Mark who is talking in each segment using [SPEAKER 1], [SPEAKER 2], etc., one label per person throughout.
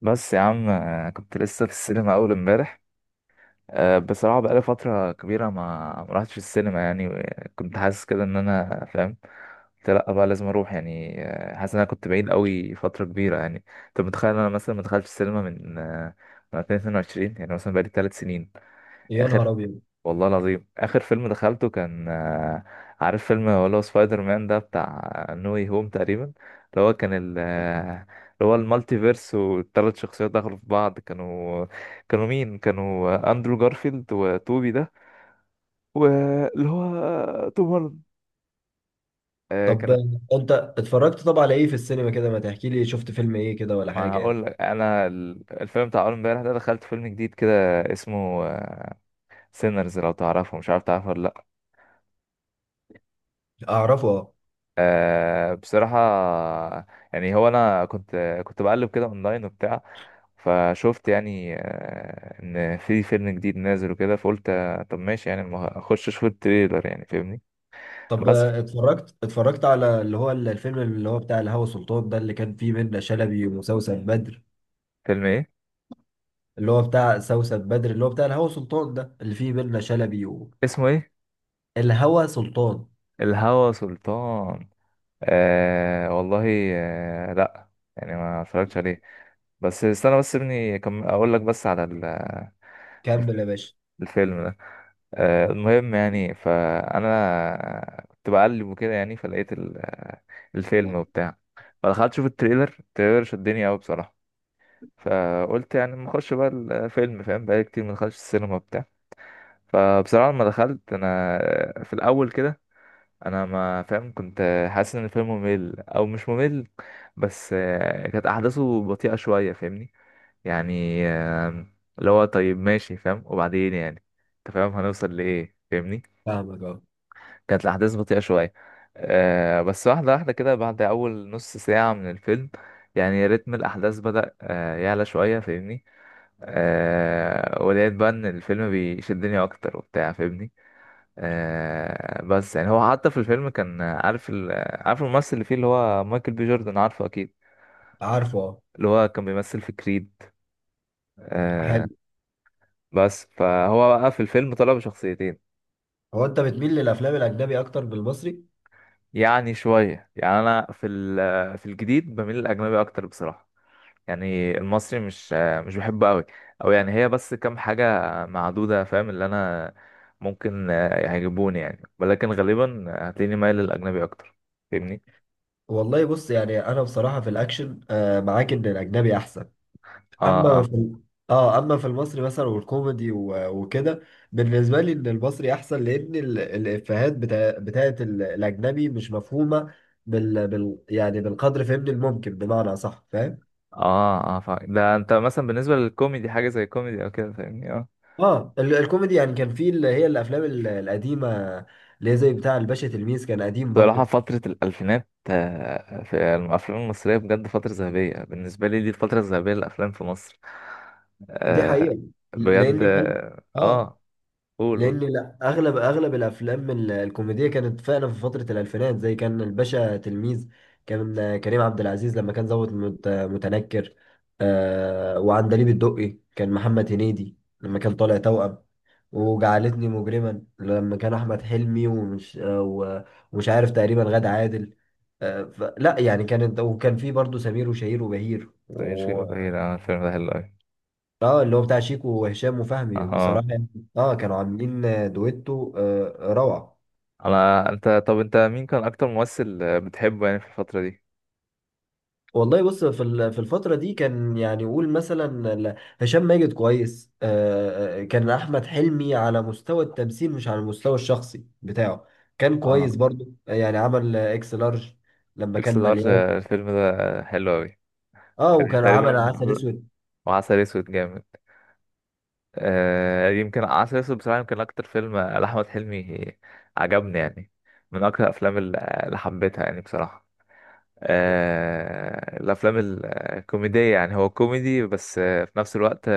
[SPEAKER 1] بس يا عم، كنت لسه في السينما اول امبارح. بصراحه بقالي فتره كبيره ما رحتش السينما يعني، كنت حاسس كده ان انا فاهم. قلت لا بقى لازم اروح يعني، حاسس ان انا كنت بعيد قوي فتره كبيره. يعني انت متخيل إن انا مثلا ما دخلتش السينما من 2022، يعني مثلا بقالي 3 سنين.
[SPEAKER 2] يا نهار
[SPEAKER 1] اخر
[SPEAKER 2] ابيض!
[SPEAKER 1] والله العظيم، اخر فيلم دخلته كان، عارف فيلم اللي هو سبايدر مان ده بتاع نو واي هوم تقريبا، اللي هو كان ال آه، اللي هو المالتي فيرس، والثلاث شخصيات دخلوا في بعض. كانوا مين؟ كانوا اندرو جارفيلد وتوبي ده، واللي هو توم هولاند. آه،
[SPEAKER 2] طب
[SPEAKER 1] كانت
[SPEAKER 2] انت اتفرجت على ايه في السينما كده، ما تحكي لي شفت فيلم ايه كده ولا
[SPEAKER 1] ما
[SPEAKER 2] حاجه يعني؟
[SPEAKER 1] هقول لك انا، الفيلم بتاع اول امبارح ده، دخلت فيلم جديد كده اسمه سينرز، لو تعرفه. مش عارف تعرفه ولا لا.
[SPEAKER 2] اعرفه اه.
[SPEAKER 1] بصراحة، يعني هو أنا كنت بقلب كده أونلاين وبتاع، فشفت يعني إن في فيلم جديد نازل وكده، فقلت طب ماشي يعني، ما أخش أشوف التريلر يعني، فاهمني.
[SPEAKER 2] طب
[SPEAKER 1] بس
[SPEAKER 2] اتفرجت على اللي هو الفيلم اللي هو بتاع الهوى سلطان ده اللي كان فيه منة شلبي وسوسن بدر،
[SPEAKER 1] فيلم إيه؟
[SPEAKER 2] اللي هو بتاع سوسن بدر اللي هو بتاع الهوى سلطان ده اللي فيه منة شلبي
[SPEAKER 1] اسمه إيه؟
[SPEAKER 2] الهوى سلطان.
[SPEAKER 1] الهوى سلطان. آه والله. آه، لأ، يعني ما اتفرجتش عليه. بس استنى، بس ابني كم أقول لك بس على
[SPEAKER 2] كمل يا باشا.
[SPEAKER 1] الفيلم ده. المهم يعني، فانا كنت بقلب وكده، يعني فلقيت الفيلم وبتاع، فدخلت اشوف التريلر شدني قوي بصراحه، فقلت يعني ما اخش بقى الفيلم، فاهم بقالي كتير ما دخلتش السينما وبتاع. فبصراحه لما دخلت انا، في الاول كده، انا ما فاهم كنت حاسس ان الفيلم ممل او مش ممل، بس كانت احداثه بطيئه شويه، فاهمني. يعني اللي هو طيب ماشي فاهم، وبعدين يعني انت فاهم هنوصل لايه، فاهمني.
[SPEAKER 2] فاهمك اه.
[SPEAKER 1] كانت الأحداث بطيئة شوية. بس واحدة واحدة كده، بعد أول نص ساعة من الفيلم يعني، رتم الأحداث بدأ يعلى شوية، فاهمني. ولقيت بقى إن الفيلم بيشدني أكتر وبتاع، فاهمني. بس يعني هو، حتى في الفيلم كان عارف الممثل اللي فيه، اللي هو مايكل بي جوردن، عارفه أكيد؟
[SPEAKER 2] عارفه اه.
[SPEAKER 1] اللي هو كان بيمثل في كريد. آه
[SPEAKER 2] حلو.
[SPEAKER 1] بس فهو بقى في الفيلم طلع بشخصيتين.
[SPEAKER 2] هو انت بتميل للافلام الاجنبي اكتر من المصري؟
[SPEAKER 1] يعني شوية، يعني أنا في الجديد بميل للأجنبي أكتر بصراحة. يعني المصري، مش بحبه قوي. او يعني هي بس كام حاجه معدوده فاهم، اللي انا ممكن يعجبوني يعني، ولكن غالبا هتلاقيني مايل للاجنبي اكتر، فاهمني.
[SPEAKER 2] والله بص، يعني انا بصراحه في الاكشن معاك ان الاجنبي احسن.
[SPEAKER 1] اه،
[SPEAKER 2] اما
[SPEAKER 1] اه،
[SPEAKER 2] في ال-، اه اما في المصري مثلا والكوميدي و- وكده، بالنسبه لي ان المصري احسن لان الافيهات بتاعت الاجنبي مش مفهومه. يعني بالقدر فهمني الممكن بمعنى صح فاهم.
[SPEAKER 1] اه. ده انت مثلا بالنسبه للكوميدي، حاجه زي كوميدي او كده، فاهمني؟ اه.
[SPEAKER 2] اه، الكوميدي يعني كان في اللي هي الافلام القديمه، اللي هي زي بتاع الباشا تلميذ كان قديم
[SPEAKER 1] بصراحه
[SPEAKER 2] برضو.
[SPEAKER 1] فتره الالفينات، في الافلام المصريه بجد فتره ذهبيه بالنسبه لي. دي الفتره الذهبيه للافلام في مصر.
[SPEAKER 2] دي
[SPEAKER 1] آه
[SPEAKER 2] حقيقه.
[SPEAKER 1] بجد،
[SPEAKER 2] لان كان،
[SPEAKER 1] اه.
[SPEAKER 2] اه،
[SPEAKER 1] قول،
[SPEAKER 2] لان
[SPEAKER 1] قول.
[SPEAKER 2] لا اغلب الافلام الكوميديه كانت فعلا في فتره الالفينات، زي كان الباشا تلميذ، كان كريم عبد العزيز لما كان ضابط متنكر. وعندليب الدقي كان محمد هنيدي لما كان طالع توأم، وجعلتني مجرما لما كان احمد حلمي ومش عارف تقريبا غادة عادل. لا يعني كانت، وكان في برضه سمير وشهير وبهير،
[SPEAKER 1] مش كده بعيد، الفيلم ده حلو أوي.
[SPEAKER 2] اه اللي هو بتاع شيكو وهشام وفهمي
[SPEAKER 1] اها.
[SPEAKER 2] بصراحة يعني. اه كانوا عاملين دويتو روعة.
[SPEAKER 1] انا انت طب انت مين كان اكتر ممثل بتحبه يعني في الفترة دي؟
[SPEAKER 2] والله بص، في في الفترة دي كان، يعني قول مثلا ال-، هشام ماجد كويس. كان أحمد حلمي على مستوى التمثيل، مش على المستوى الشخصي بتاعه، كان
[SPEAKER 1] اه.
[SPEAKER 2] كويس برضو، يعني عمل اكس لارج لما
[SPEAKER 1] اكس
[SPEAKER 2] كان
[SPEAKER 1] لارج،
[SPEAKER 2] مليان.
[SPEAKER 1] الفيلم ده حلو قوي.
[SPEAKER 2] اه
[SPEAKER 1] يعني
[SPEAKER 2] وكان عمل
[SPEAKER 1] تقريبا.
[SPEAKER 2] عسل اسود.
[SPEAKER 1] وعسل اسود جامد. يمكن عسل اسود بصراحة يمكن اكتر فيلم لاحمد حلمي عجبني يعني. من اكتر الافلام اللي حبيتها يعني بصراحة. الافلام الكوميدية، يعني هو كوميدي بس في نفس الوقت،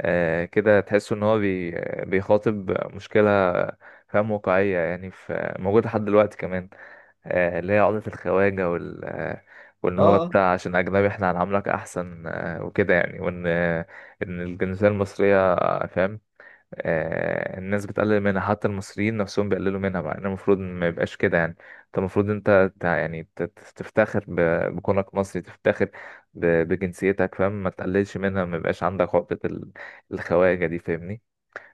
[SPEAKER 1] كده تحس ان هو بيخاطب مشكلة، فاهم، واقعية يعني، في موجودة لحد دلوقتي كمان، اللي هي عقدة الخواجة وال آه، وان
[SPEAKER 2] اه
[SPEAKER 1] هو انت
[SPEAKER 2] آه.
[SPEAKER 1] عشان اجنبي احنا هنعاملك احسن، وكده يعني، وان آه، ان الجنسية المصرية، فاهم، الناس بتقلل منها، حتى المصريين نفسهم بيقللوا منها. بقى إن المفروض ما يبقاش كده يعني. انت المفروض انت، تفتخر بكونك مصري، تفتخر بجنسيتك، فاهم، ما تقللش منها، ما يبقاش عندك عقدة الخواجة دي، فاهمني.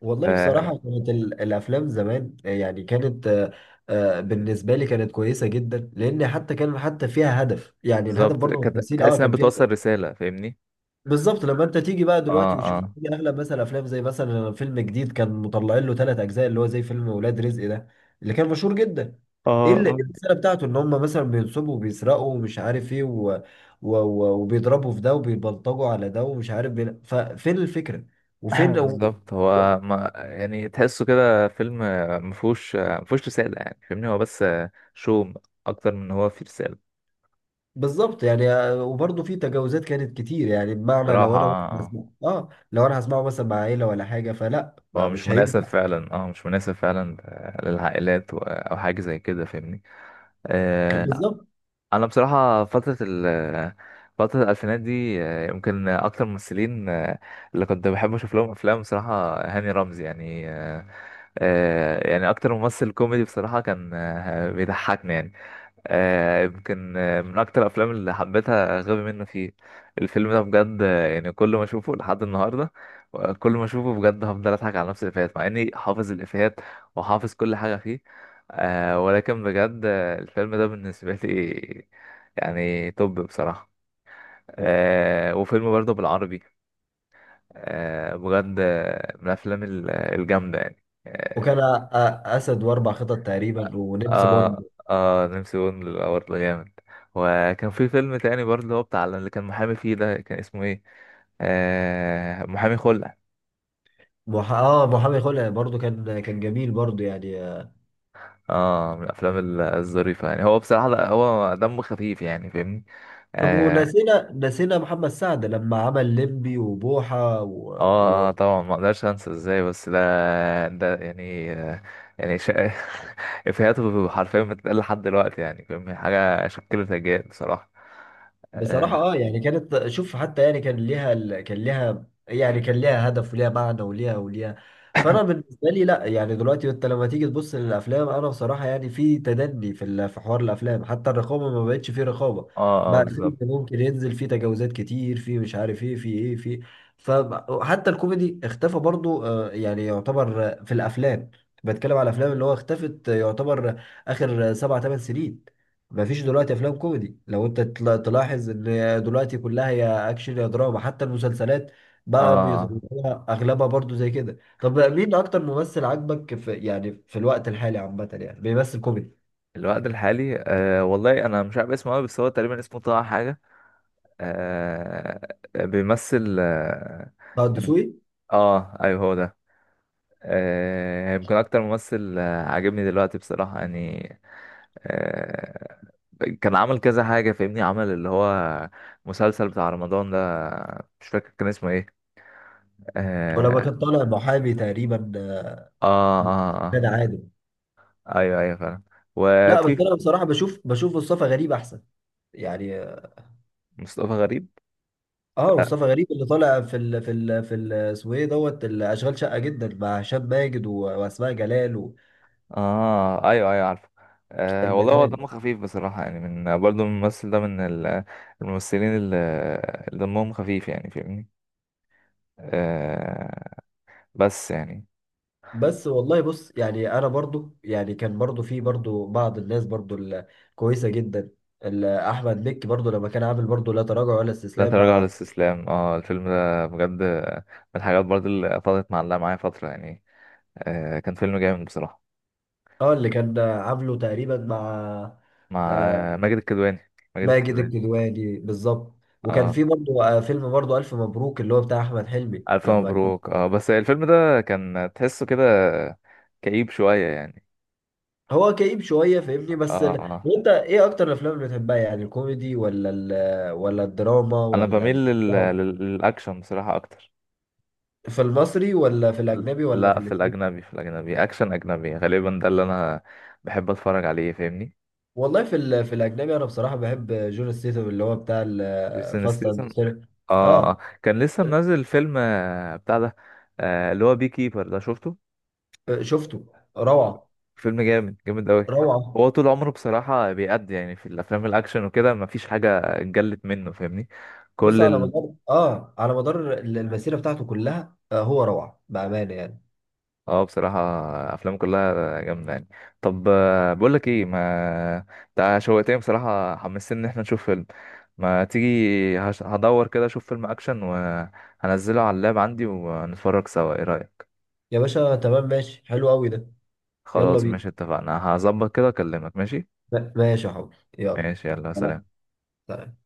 [SPEAKER 2] والله
[SPEAKER 1] آه،
[SPEAKER 2] بصراحة كانت الأفلام زمان يعني كانت، بالنسبة لي كانت كويسة جدا، لأن حتى كان حتى فيها هدف، يعني الهدف
[SPEAKER 1] بالظبط،
[SPEAKER 2] برضه من التمثيل
[SPEAKER 1] تحس انها
[SPEAKER 2] كان فيها هدف.
[SPEAKER 1] بتوصل رسالة، فاهمني.
[SPEAKER 2] بالظبط لما أنت تيجي بقى
[SPEAKER 1] اه،
[SPEAKER 2] دلوقتي وتشوف،
[SPEAKER 1] اه،
[SPEAKER 2] تيجي أغلب مثلا أفلام زي مثلا فيلم جديد كان مطلعين له ثلاث أجزاء، اللي هو زي فيلم ولاد رزق ده اللي كان مشهور جدا. إيه
[SPEAKER 1] اه.
[SPEAKER 2] اللي، إيه الرسالة بتاعته؟ إن هم مثلا بينصبوا وبيسرقوا ومش عارف إيه وبيضربوا في ده وبيبلطجوا على ده ومش عارف، ففين الفكرة وفين و...
[SPEAKER 1] بالظبط. هو ما يعني، تحسه كده فيلم مفهوش رسالة يعني، فاهمني، هو بس شو اكتر من هو فيه رسالة.
[SPEAKER 2] بالظبط يعني، وبرضه في تجاوزات كانت كتير، يعني بمعنى
[SPEAKER 1] بصراحة.
[SPEAKER 2] لو انا هسمعه مثلا مع عيله ولا حاجه، فلا
[SPEAKER 1] هو
[SPEAKER 2] ما-
[SPEAKER 1] مش
[SPEAKER 2] مش
[SPEAKER 1] مناسب
[SPEAKER 2] هينفع.
[SPEAKER 1] فعلا. اه، مش مناسب فعلا للعائلات، او حاجه زي كده، فاهمني. آه
[SPEAKER 2] بالظبط.
[SPEAKER 1] انا بصراحه، فتره الالفينات دي يمكن اكتر ممثلين اللي كنت بحب اشوف لهم افلام بصراحه هاني رمزي يعني. يعني اكتر ممثل كوميدي بصراحة كان بيضحكني يعني. يمكن من اكتر الافلام اللي حبيتها غبي منه فيه. الفيلم ده بجد، يعني كل ما اشوفه لحد النهاردة، كل ما اشوفه بجد هفضل اضحك على نفس الافيهات، مع اني حافظ الافيهات وحافظ كل حاجة فيه. ولكن بجد الفيلم ده بالنسبة لي، يعني توب بصراحة. وفيلم برضه بالعربي، بجد من الافلام الجامدة يعني.
[SPEAKER 2] وكان أ- اسد واربع خطط تقريبا ونمس بوند.
[SPEAKER 1] اه، اه. نمسي بون برضه جامد. وكان في فيلم تاني برضه، اللي هو بتاع اللي كان محامي فيه ده، كان اسمه ايه؟ محامي خلع.
[SPEAKER 2] مح... اه محامي خلع برضه كان جميل برضه يعني.
[SPEAKER 1] اه، من الافلام الظريفه يعني. هو بصراحه، لا، هو دمه خفيف يعني، فاهمني.
[SPEAKER 2] طب
[SPEAKER 1] اه،
[SPEAKER 2] ونسينا محمد سعد لما عمل ليمبي وبوحه
[SPEAKER 1] اه. طبعا ما اقدرش انسى ازاي. بس ده، يعني يعني شا... افيهاته حرفيا بتتقال لحد دلوقتي يعني، فاهمني، حاجه شكلت اجيال بصراحه.
[SPEAKER 2] بصراحة
[SPEAKER 1] اه،
[SPEAKER 2] اه يعني كانت، شوف، حتى يعني كان ليها يعني كان ليها هدف وليها معنى وليها. فانا بالنسبة لي لا، يعني دلوقتي انت لما تيجي تبص للافلام، انا بصراحة يعني في تدني في في حوار الافلام، حتى الرقابة ما بقتش فيه رقابة.
[SPEAKER 1] اه.
[SPEAKER 2] بقى الفيلم
[SPEAKER 1] بالظبط.
[SPEAKER 2] ممكن ينزل فيه تجاوزات كتير، فيه مش عارف ايه فيه ايه فيه. فحتى الكوميدي اختفى برضو، يعني يعتبر، في الافلام، بتكلم على الافلام اللي هو اختفت يعتبر آخر 7-8 سنين. ما فيش دلوقتي افلام كوميدي لو انت تلاحظ ان دلوقتي كلها يا اكشن يا دراما. حتى المسلسلات
[SPEAKER 1] اه.
[SPEAKER 2] بقى
[SPEAKER 1] آه.
[SPEAKER 2] بيطلعوها اغلبها برضو زي كده. طب مين اكتر ممثل عجبك في، يعني في الوقت الحالي عامه، يعني بيمثل كوميدي؟
[SPEAKER 1] الوقت الحالي، والله انا مش عارف اسمه قوي، بس هو تقريبا اسمه طه حاجه. أه بيمثل، اه.
[SPEAKER 2] طه
[SPEAKER 1] كان-
[SPEAKER 2] الدسوقي.
[SPEAKER 1] ايوه هو ده. يمكن اكتر ممثل عاجبني دلوقتي بصراحه يعني. أه كان عمل كذا حاجه، فاهمني، عمل اللي هو مسلسل بتاع رمضان ده، مش فاكر كان اسمه ايه.
[SPEAKER 2] ولما
[SPEAKER 1] اه.
[SPEAKER 2] كان طالع محامي تقريبا،
[SPEAKER 1] اه، اه،
[SPEAKER 2] كان عادل.
[SPEAKER 1] ايوه ايوه فعلا.
[SPEAKER 2] لا بس
[SPEAKER 1] وفي
[SPEAKER 2] انا بصراحه بشوف مصطفى غريب احسن يعني.
[SPEAKER 1] مصطفى غريب.
[SPEAKER 2] اه، مصطفى غريب اللي طالع في اسمه ايه دوت الاشغال شقه جدا مع هشام ماجد و- واسماء جلال
[SPEAKER 1] اه، ايوه ايوه، عارفه. آه والله، هو
[SPEAKER 2] والبنات.
[SPEAKER 1] دمه خفيف بصراحه يعني، من برضه الممثل ده من الممثلين اللي دمهم خفيف يعني، فاهمني. آه بس يعني،
[SPEAKER 2] بس والله بص يعني انا برضو، يعني كان برضو في برضو بعض الناس برضو الكويسه جدا، احمد مكي برضو لما كان عامل برضو لا تراجع ولا
[SPEAKER 1] لا
[SPEAKER 2] استسلام
[SPEAKER 1] تراجع ولا
[SPEAKER 2] مع،
[SPEAKER 1] استسلام. اه، الفيلم ده بجد من الحاجات برضه اللي فضلت معلقه معايا فتره يعني. كان فيلم جامد بصراحه،
[SPEAKER 2] اه، اللي كان عامله تقريبا مع،
[SPEAKER 1] مع
[SPEAKER 2] آه،
[SPEAKER 1] ماجد
[SPEAKER 2] ماجد
[SPEAKER 1] الكدواني.
[SPEAKER 2] الكدواني. بالظبط. وكان
[SPEAKER 1] اه.
[SPEAKER 2] في برضو فيلم برضو الف مبروك اللي هو بتاع احمد حلمي
[SPEAKER 1] الف مبروك. اه، بس الفيلم ده كان تحسه كده كئيب شويه يعني.
[SPEAKER 2] هو كئيب شويه فاهمني،
[SPEAKER 1] اه،
[SPEAKER 2] بس
[SPEAKER 1] اه.
[SPEAKER 2] وانت ايه اكتر الافلام اللي بتحبها؟ يعني الكوميدي ولا الدراما
[SPEAKER 1] انا بميل للاكشن بصراحه اكتر.
[SPEAKER 2] في المصري ولا في الاجنبي ولا في
[SPEAKER 1] لا،
[SPEAKER 2] الاثنين؟
[SPEAKER 1] في الاجنبي، اكشن اجنبي غالبا ده اللي انا بحب اتفرج عليه، فاهمني.
[SPEAKER 2] والله في في الاجنبي انا بصراحه بحب جون ستيتم اللي هو بتاع
[SPEAKER 1] جيسون
[SPEAKER 2] الفاست اند
[SPEAKER 1] ستيسن.
[SPEAKER 2] فير.
[SPEAKER 1] اه.
[SPEAKER 2] اه
[SPEAKER 1] كان لسه منزل فيلم بتاع ده، اللي هو بي كيبر ده، شفته؟
[SPEAKER 2] شفته، روعه،
[SPEAKER 1] فيلم جامد جامد قوي.
[SPEAKER 2] روعه.
[SPEAKER 1] هو طول عمره بصراحه بيأدي يعني في الافلام الاكشن وكده، مفيش حاجه اتجلت منه، فاهمني.
[SPEAKER 2] بص على
[SPEAKER 1] كل
[SPEAKER 2] مدار اه على مدار المسيره بتاعته كلها، هو روعه بامانه يعني.
[SPEAKER 1] اه بصراحة، أفلام كلها جامدة يعني. طب، بقولك ايه، ما انت شوقتني بصراحة، حمستني ان احنا نشوف فيلم. ما تيجي، هدور كده اشوف فيلم اكشن وهنزله على اللاب عندي ونتفرج سوا، ايه رأيك؟
[SPEAKER 2] يا باشا تمام ماشي حلو قوي ده. يلا
[SPEAKER 1] خلاص،
[SPEAKER 2] بينا.
[SPEAKER 1] ماشي، اتفقنا. هظبط كده، اكلمك. ماشي،
[SPEAKER 2] ماشي يا حبيبي يلا.
[SPEAKER 1] ماشي، يلا،
[SPEAKER 2] سلام.
[SPEAKER 1] سلام.
[SPEAKER 2] سلام.